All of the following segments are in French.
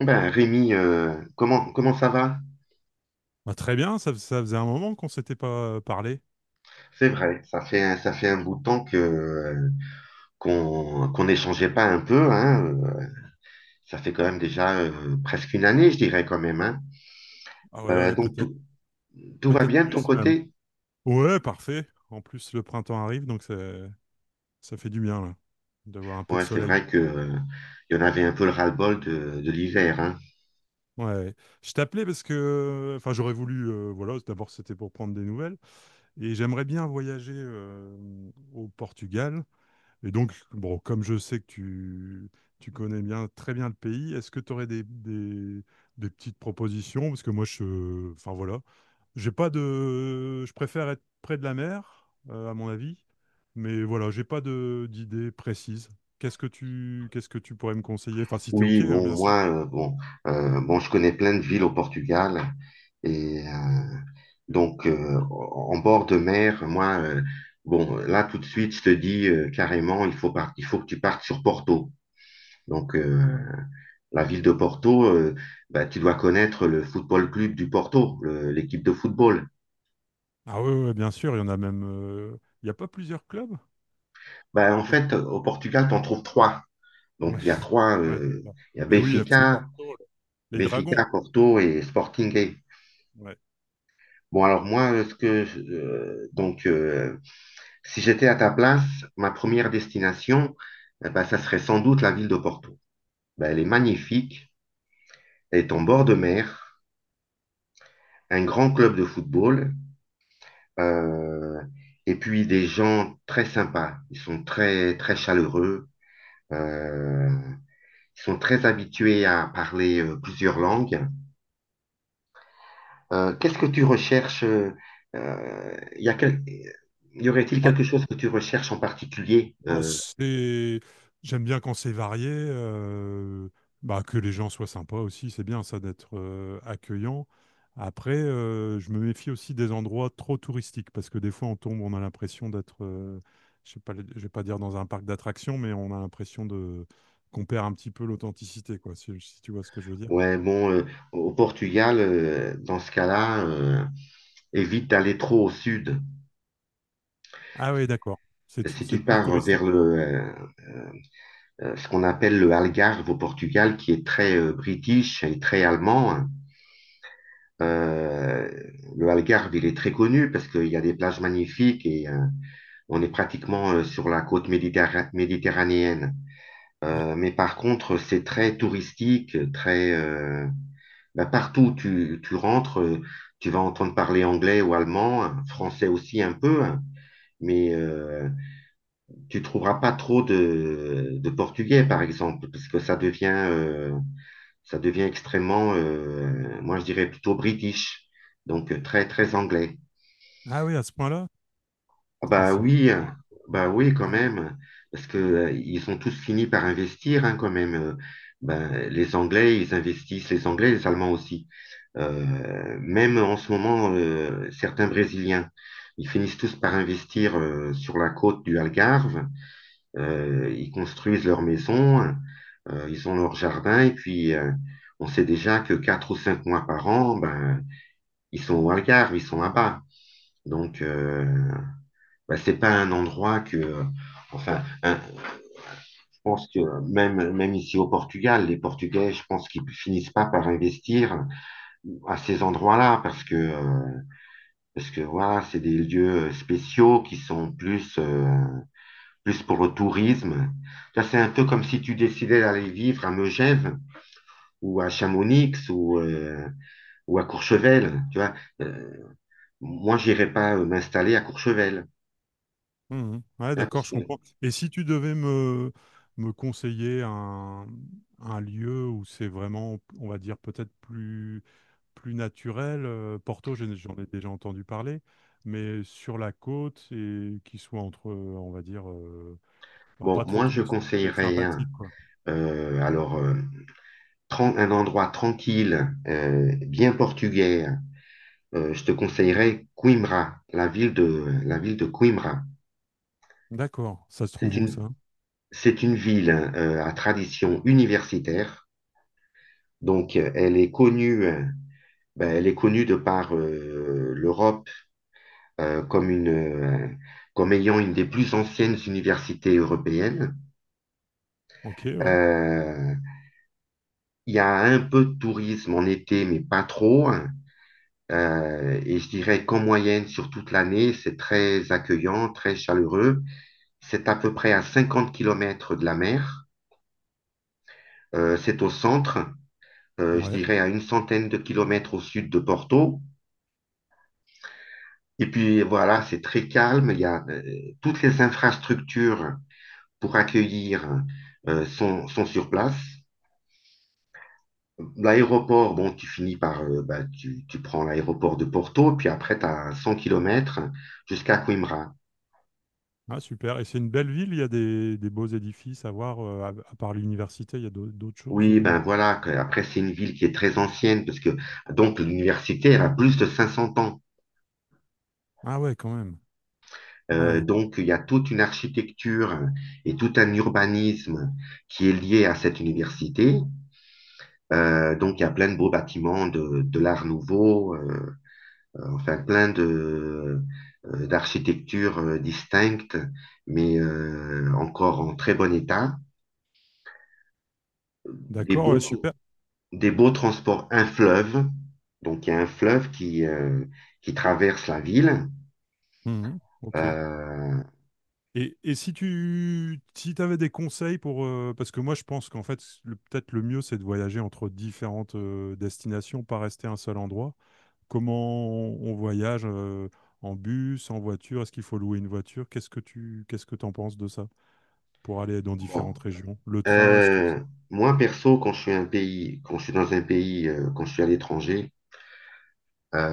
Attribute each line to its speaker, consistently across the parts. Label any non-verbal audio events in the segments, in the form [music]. Speaker 1: Ben, Rémi, comment ça va?
Speaker 2: Bah, très bien, ça faisait un moment qu'on s'était pas parlé.
Speaker 1: C'est vrai, ça fait, ça fait un bout de temps que, qu'on n'échangeait pas un peu, hein. Ça fait quand même déjà presque une année, je dirais quand même, hein.
Speaker 2: Ah ouais, ouais,
Speaker 1: Donc,
Speaker 2: peut-être,
Speaker 1: tout va
Speaker 2: peut-être
Speaker 1: bien de ton
Speaker 2: plus même.
Speaker 1: côté?
Speaker 2: Ouais, parfait. En plus, le printemps arrive, donc ça fait du bien là, d'avoir un peu de
Speaker 1: Ouais, c'est
Speaker 2: soleil.
Speaker 1: vrai que, il y en avait un peu le ras-le-bol de l'hiver, hein.
Speaker 2: Ouais, ouais. Je t'appelais parce que, enfin, j'aurais voulu, voilà, d'abord c'était pour prendre des nouvelles, et j'aimerais bien voyager au Portugal. Et donc, bon, comme je sais que tu connais bien, très bien le pays, est-ce que tu aurais des petites propositions? Parce que moi, enfin voilà, j'ai pas de. Je préfère être près de la mer, à mon avis. Mais voilà, j'ai pas de d'idée précise. Qu'est-ce que tu pourrais me conseiller? Enfin, si t'es OK,
Speaker 1: Oui,
Speaker 2: hein,
Speaker 1: bon,
Speaker 2: bien sûr.
Speaker 1: moi, bon, bon, je connais plein de villes au Portugal. Et donc, en bord de mer, moi, bon, là, tout de suite, je te dis carrément, il faut, il faut que tu partes sur Porto. Donc, la ville de Porto, bah, tu dois connaître le football club du Porto, l'équipe de football.
Speaker 2: Ah oui, ouais, ouais, bien sûr, il y en a même. Il n'y a pas plusieurs clubs?
Speaker 1: Bah, en
Speaker 2: Peut-
Speaker 1: fait, au Portugal, tu en trouves trois. Donc,
Speaker 2: Ouais,
Speaker 1: il y a
Speaker 2: [laughs]
Speaker 1: trois,
Speaker 2: ouais, c'est ça.
Speaker 1: il y a
Speaker 2: Mais oui, FC
Speaker 1: Benfica,
Speaker 2: Porto, les Dragons.
Speaker 1: Porto et Sporting.
Speaker 2: Ouais.
Speaker 1: Bon, alors moi, donc si j'étais à ta place, ma première destination, eh ben, ça serait sans doute la ville de Porto. Ben, elle est magnifique, elle est en bord de mer, un grand club de football, euh, et puis des gens très sympas. Ils sont très très chaleureux, euh, ils sont très habitués à parler plusieurs langues. Qu'est-ce que tu recherches, euh, y a quel- y aurait-il quelque chose que tu recherches en particulier?
Speaker 2: Bah, c'est- J'aime bien quand c'est varié, bah, que les gens soient sympas aussi, c'est bien ça d'être accueillant. Après, je me méfie aussi des endroits trop touristiques parce que des fois on tombe, on a l'impression d'être, je sais pas, je vais pas dire dans un parc d'attractions, mais on a l'impression de qu'on perd un petit peu l'authenticité, quoi, si tu vois ce que je veux dire.
Speaker 1: Ouais, bon, au Portugal, dans ce cas-là, évite d'aller trop au sud.
Speaker 2: Ah oui, d'accord.
Speaker 1: Si
Speaker 2: C'est
Speaker 1: tu
Speaker 2: plus
Speaker 1: pars vers
Speaker 2: touristique.
Speaker 1: ce qu'on appelle le Algarve au Portugal, qui est très british et très allemand, hein. euh, le Algarve, il est très connu parce qu'il y a des plages magnifiques et on est pratiquement sur la côte méditerranéenne.
Speaker 2: Ouais.
Speaker 1: Mais par contre, c'est très touristique, très... Bah, partout où tu rentres, tu vas entendre parler anglais ou allemand, hein, français aussi un peu, hein, mais tu trouveras pas trop de portugais, par exemple, parce que ça devient extrêmement, moi je dirais plutôt british, donc très, très anglais.
Speaker 2: Ah oui, à ce point-là,
Speaker 1: Ah,
Speaker 2: c'est
Speaker 1: bah
Speaker 2: c'est-
Speaker 1: oui,
Speaker 2: ouais.
Speaker 1: hein. Bah oui quand
Speaker 2: Ah
Speaker 1: même, parce que
Speaker 2: oui.
Speaker 1: ils ont tous fini par investir, hein, quand même. Ben, les Anglais, ils investissent, les Anglais, les Allemands aussi. Même en ce moment, certains Brésiliens, ils finissent tous par investir sur la côte du Algarve. Ils construisent leurs maisons, hein. Ils ont leur jardin, et puis on sait déjà que 4 ou 5 mois par an, ben, ils sont au Algarve, ils sont là-bas. Donc, bah, c'est pas un endroit que, enfin, je pense que même, même ici au Portugal, les Portugais, je pense qu'ils finissent pas par investir à ces endroits-là parce que voilà, c'est des lieux spéciaux qui sont plus, plus pour le tourisme. Là, c'est un peu comme si tu décidais d'aller vivre à Megève ou à Chamonix ou à Courchevel, tu vois. Euh, Moi, j'irais pas m'installer à Courchevel,
Speaker 2: Mhm. Ouais,
Speaker 1: hein,
Speaker 2: d'accord, je comprends. Et si tu devais me conseiller un lieu où c'est vraiment, on va dire, peut-être plus, plus naturel, Porto, j'en ai déjà entendu parler, mais sur la côte et qui soit entre, on va dire, bah,
Speaker 1: bon,
Speaker 2: pas trop
Speaker 1: moi, je
Speaker 2: touristique et
Speaker 1: conseillerais, hein,
Speaker 2: sympathique, quoi.
Speaker 1: alors, un endroit tranquille, bien portugais, je te conseillerais Coimbra, la ville de Coimbra.
Speaker 2: D'accord, ça se
Speaker 1: C'est
Speaker 2: trouve où
Speaker 1: une,
Speaker 2: ça?
Speaker 1: c'est une ville à tradition universitaire, donc elle est connue, ben, elle est connue de par l'Europe euh, comme une, euh, comme ayant une des plus anciennes universités européennes.
Speaker 2: Ok, ouais.
Speaker 1: Euh, il y a un peu de tourisme en été, mais pas trop. Et je dirais qu'en moyenne, sur toute l'année, c'est très accueillant, très chaleureux. C'est à peu près à 50 kilomètres de la mer. C'est au centre, je
Speaker 2: Ouais,
Speaker 1: dirais à une centaine de kilomètres au sud de Porto. Et puis voilà, c'est très calme. Il y a toutes les infrastructures pour accueillir sont sur place. L'aéroport, bon, tu finis par, bah, tu prends l'aéroport de Porto, puis après, tu as 100 kilomètres jusqu'à Coimbra.
Speaker 2: ah, super. Et c'est une belle ville, il y a des beaux édifices à voir, à part l'université, il y a d'autres choses
Speaker 1: Oui, ben
Speaker 2: ou...
Speaker 1: voilà, après c'est une ville qui est très ancienne, parce que donc l'université, elle a plus de 500 ans.
Speaker 2: Ah ouais, quand même. Ouais.
Speaker 1: Donc il y a toute une architecture et tout un urbanisme qui est lié à cette université. Donc il y a plein de beaux bâtiments de l'Art Nouveau, enfin plein de d'architectures distinctes, mais encore en très bon état. Des
Speaker 2: D'accord,
Speaker 1: beaux
Speaker 2: ouais,
Speaker 1: trucs,
Speaker 2: super.
Speaker 1: des beaux transports, un fleuve. Donc, il y a un fleuve qui traverse la ville.
Speaker 2: Mhm, ok.
Speaker 1: Euh,
Speaker 2: Et si tu si t'avais des conseils pour... parce que moi, je pense qu'en fait, peut-être le mieux, c'est de voyager entre différentes destinations, pas rester à un seul endroit. Comment voyage en bus, en voiture? Est-ce qu'il faut louer une voiture? Qu'est-ce que t'en penses de ça pour aller dans
Speaker 1: bon.
Speaker 2: différentes régions? Le train, est-ce que
Speaker 1: Euh,
Speaker 2: c'est...
Speaker 1: Moi, perso, quand je suis dans un pays, quand je suis à l'étranger,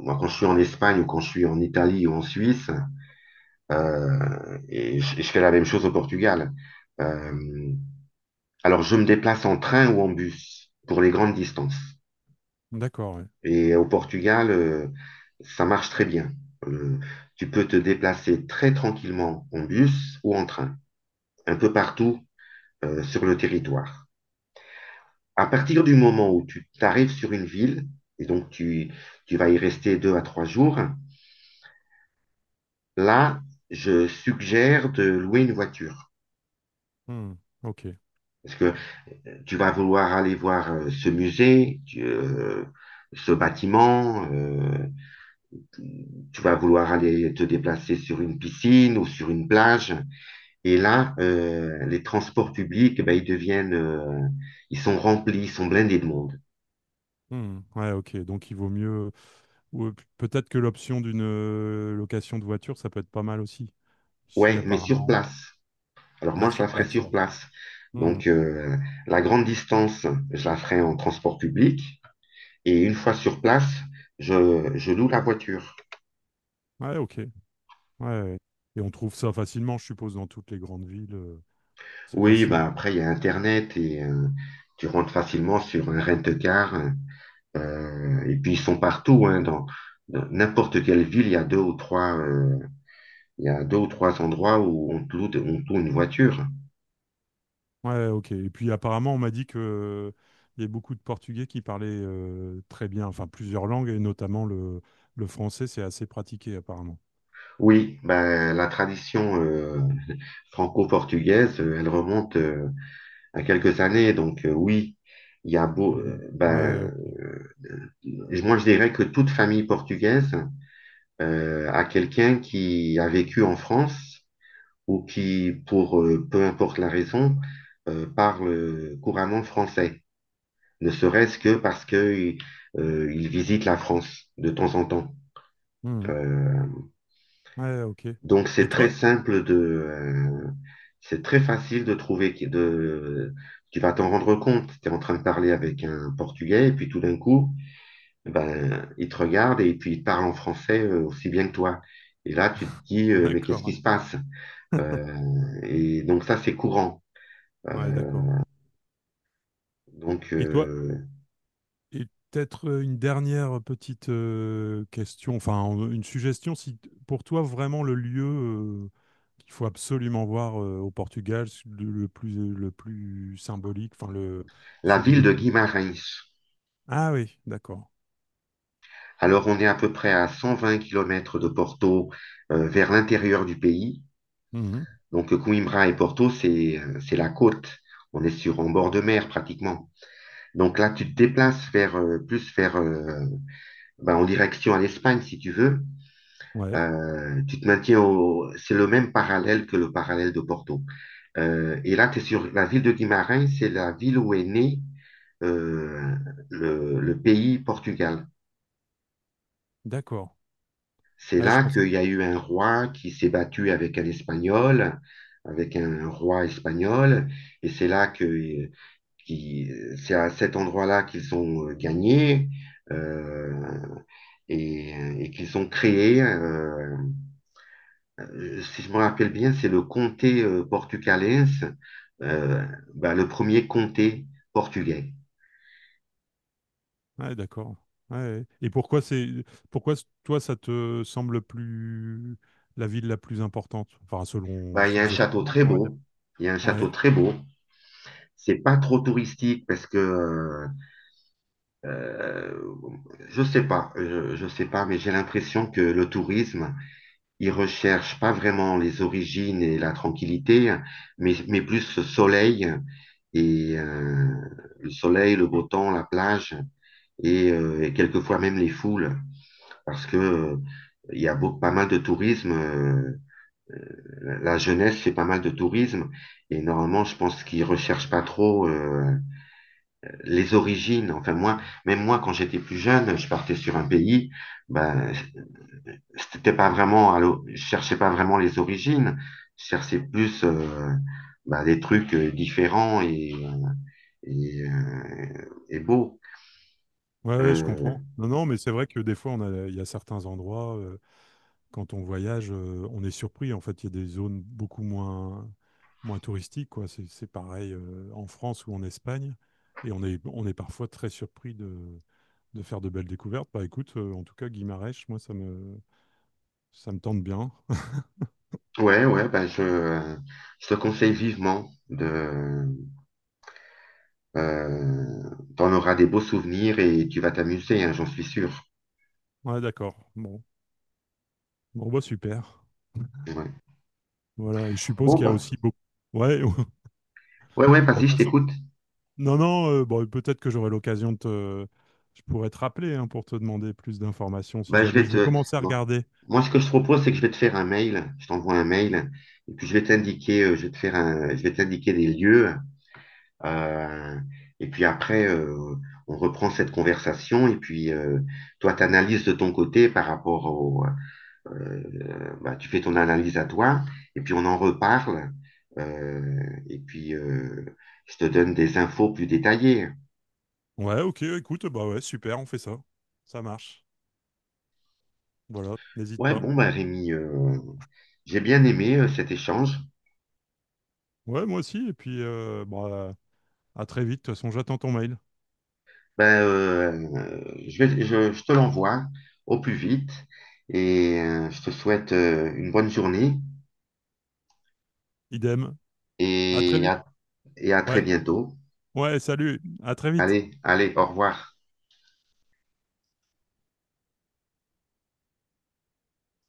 Speaker 1: moi, quand je suis en Espagne ou quand je suis en Italie ou en Suisse, et je fais la même chose au Portugal. Euh, alors, je me déplace en train ou en bus pour les grandes distances.
Speaker 2: D'accord, ouais.
Speaker 1: Et au Portugal, ça marche très bien. Euh, Tu peux te déplacer très tranquillement en bus ou en train, un peu partout sur le territoire. À partir du moment où tu arrives sur une ville, et donc tu vas y rester 2 à 3 jours, là, je suggère de louer une voiture.
Speaker 2: Hmm, ok.
Speaker 1: Parce que tu vas vouloir aller voir ce musée, ce bâtiment, tu vas vouloir aller te déplacer sur une piscine ou sur une plage. Et là, les transports publics, ben, ils sont remplis, ils sont blindés de monde.
Speaker 2: Hmm, ouais, ok. Donc, il vaut mieux... ou, peut-être que l'option d'une location de voiture, ça peut être pas mal aussi. Si
Speaker 1: Ouais, mais sur
Speaker 2: apparemment.
Speaker 1: place. Alors moi,
Speaker 2: Ah,
Speaker 1: je
Speaker 2: sur
Speaker 1: la ferai
Speaker 2: place,
Speaker 1: sur
Speaker 2: ouais.
Speaker 1: place.
Speaker 2: Hmm.
Speaker 1: Donc la grande distance, je la ferai en transport public. Et une fois sur place, je loue la voiture.
Speaker 2: Ouais, ok. Ouais, ouais. Et on trouve ça facilement, je suppose, dans toutes les grandes villes. C'est
Speaker 1: Oui,
Speaker 2: facile.
Speaker 1: ben après, il y a Internet et tu rentres facilement sur un rent-car. Et puis, ils sont partout, hein, dans n'importe quelle ville, il y a deux ou trois... Il y a deux ou trois endroits où on loue une voiture.
Speaker 2: Ouais, ok. Et puis apparemment, on m'a dit que il y a beaucoup de Portugais qui parlaient très bien, enfin plusieurs langues, et notamment le français, c'est assez pratiqué apparemment.
Speaker 1: Oui, ben, la tradition franco-portugaise, elle remonte à quelques années. Donc oui, il y a beau,
Speaker 2: Mhm. Ouais,
Speaker 1: ben,
Speaker 2: ok.
Speaker 1: moi je dirais que toute famille portugaise a quelqu'un qui a vécu en France ou qui, pour peu importe la raison, parle couramment français. Ne serait-ce que parce que il visite la France de temps en temps.
Speaker 2: Mhm.
Speaker 1: Euh,
Speaker 2: Ouais, ok.
Speaker 1: Donc,
Speaker 2: Et
Speaker 1: c'est très
Speaker 2: toi?
Speaker 1: simple de, euh, c'est très facile de trouver, tu vas t'en rendre compte. Tu es en train de parler avec un Portugais et puis tout d'un coup, ben, il te regarde et puis il parle en français aussi bien que toi. Et là, tu te dis, mais qu'est-ce qui
Speaker 2: D'accord.
Speaker 1: se passe? Et donc, ça, c'est courant. Euh,
Speaker 2: Ouais, d'accord.
Speaker 1: donc,
Speaker 2: Et toi? Et peut-être une dernière petite question, enfin une suggestion, si t- pour toi vraiment le lieu qu'il faut absolument voir au Portugal, le plus symbolique, enfin le
Speaker 1: la
Speaker 2: celui
Speaker 1: ville
Speaker 2: le
Speaker 1: de
Speaker 2: plus.
Speaker 1: Guimarães.
Speaker 2: Ah oui, d'accord.
Speaker 1: Alors, on est à peu près à 120 km de Porto, vers l'intérieur du pays.
Speaker 2: Mhm.
Speaker 1: Donc Coimbra et Porto, c'est la côte. On est sur en bord de mer pratiquement. Donc là, tu te déplaces vers plus vers ben, en direction à l'Espagne si tu veux.
Speaker 2: Ouais,
Speaker 1: Tu te maintiens au, c'est le même parallèle que le parallèle de Porto. Et là, tu es sur la ville de Guimarães, c'est la ville où est né euh, le pays Portugal.
Speaker 2: d'accord.
Speaker 1: C'est
Speaker 2: Ah, je
Speaker 1: là
Speaker 2: pensais.
Speaker 1: qu'il
Speaker 2: que-
Speaker 1: y a eu un roi qui s'est battu avec un Espagnol, avec un roi espagnol, et c'est là que qui, c'est à cet endroit-là qu'ils ont gagné, euh, et, et qu'ils ont créé, si je me rappelle bien, c'est le comté portucalais, euh, bah, le premier comté portugais.
Speaker 2: Ouais, d'accord. Ouais. Et pourquoi c'est pourquoi toi ça te semble plus la ville la plus importante, enfin selon
Speaker 1: Bah, il y a un château
Speaker 2: subjectivement,
Speaker 1: très
Speaker 2: quoi, on va dire.
Speaker 1: beau. Il y a un château
Speaker 2: Ouais.
Speaker 1: très beau. C'est pas trop touristique parce que euh, je sais pas, je sais pas, mais j'ai l'impression que le tourisme il recherche pas vraiment les origines et la tranquillité, mais plus le soleil et le beau temps, la plage et quelquefois même les foules, parce que il y a pas mal de tourisme. La jeunesse fait pas mal de tourisme et normalement, je pense qu'ils recherchent pas trop les origines. Enfin moi, même moi, quand j'étais plus jeune, je partais sur un pays, ben c'était pas vraiment, je cherchais pas vraiment les origines, je cherchais plus bah, des trucs différents et beaux.
Speaker 2: Ouais, ouais, je
Speaker 1: Euh,
Speaker 2: comprends. Non, non, mais c'est vrai que des fois, il y a certains endroits, quand on voyage, on est surpris. En fait, il y a des zones beaucoup moins, moins touristiques, quoi. C'est pareil, en France ou en Espagne. Et on est parfois très surpris de faire de belles découvertes. Bah écoute, en tout cas, Guimarães, ça me tente bien. [laughs]
Speaker 1: ouais, ouais, bah, je te conseille vivement de, euh, t'en auras des beaux souvenirs et tu vas t'amuser, hein, j'en suis sûr.
Speaker 2: Ouais, d'accord. Bon. Bon, bah super.
Speaker 1: Ouais.
Speaker 2: Voilà. Et je suppose
Speaker 1: Bon,
Speaker 2: qu'il y a
Speaker 1: bah,
Speaker 2: aussi beaucoup. Ouais, [laughs] bon, de
Speaker 1: ouais, ouais, vas-y,
Speaker 2: toute
Speaker 1: je
Speaker 2: façon,
Speaker 1: t'écoute.
Speaker 2: non, non, bon, peut-être que j'aurai l'occasion de te... Je pourrais te rappeler hein, pour te demander plus d'informations si
Speaker 1: Bah, je
Speaker 2: jamais
Speaker 1: vais
Speaker 2: je vais
Speaker 1: te,
Speaker 2: commencer à
Speaker 1: bon.
Speaker 2: regarder.
Speaker 1: Moi, ce que je te propose, c'est que je vais te faire un mail, je t'envoie un mail, et puis je vais t'indiquer, je vais te faire un, je vais t'indiquer des lieux. Euh, et puis après, on reprend cette conversation et puis toi, tu analyses de ton côté par rapport au... bah, tu fais ton analyse à toi et puis on en reparle. Euh, et puis, je te donne des infos plus détaillées.
Speaker 2: Ouais, ok, écoute, bah ouais, super, on fait ça. Ça marche. Voilà, n'hésite
Speaker 1: Ouais,
Speaker 2: pas.
Speaker 1: bon, bah, Rémi, j'ai bien aimé cet échange.
Speaker 2: Ouais, moi aussi, et puis bah, à très vite, de toute façon, j'attends ton mail.
Speaker 1: Ben, je te l'envoie au plus vite et je te souhaite une bonne journée
Speaker 2: Idem, à très
Speaker 1: et
Speaker 2: vite.
Speaker 1: et à très
Speaker 2: Ouais,
Speaker 1: bientôt.
Speaker 2: ouais, salut, à très vite.
Speaker 1: Allez, allez, au revoir.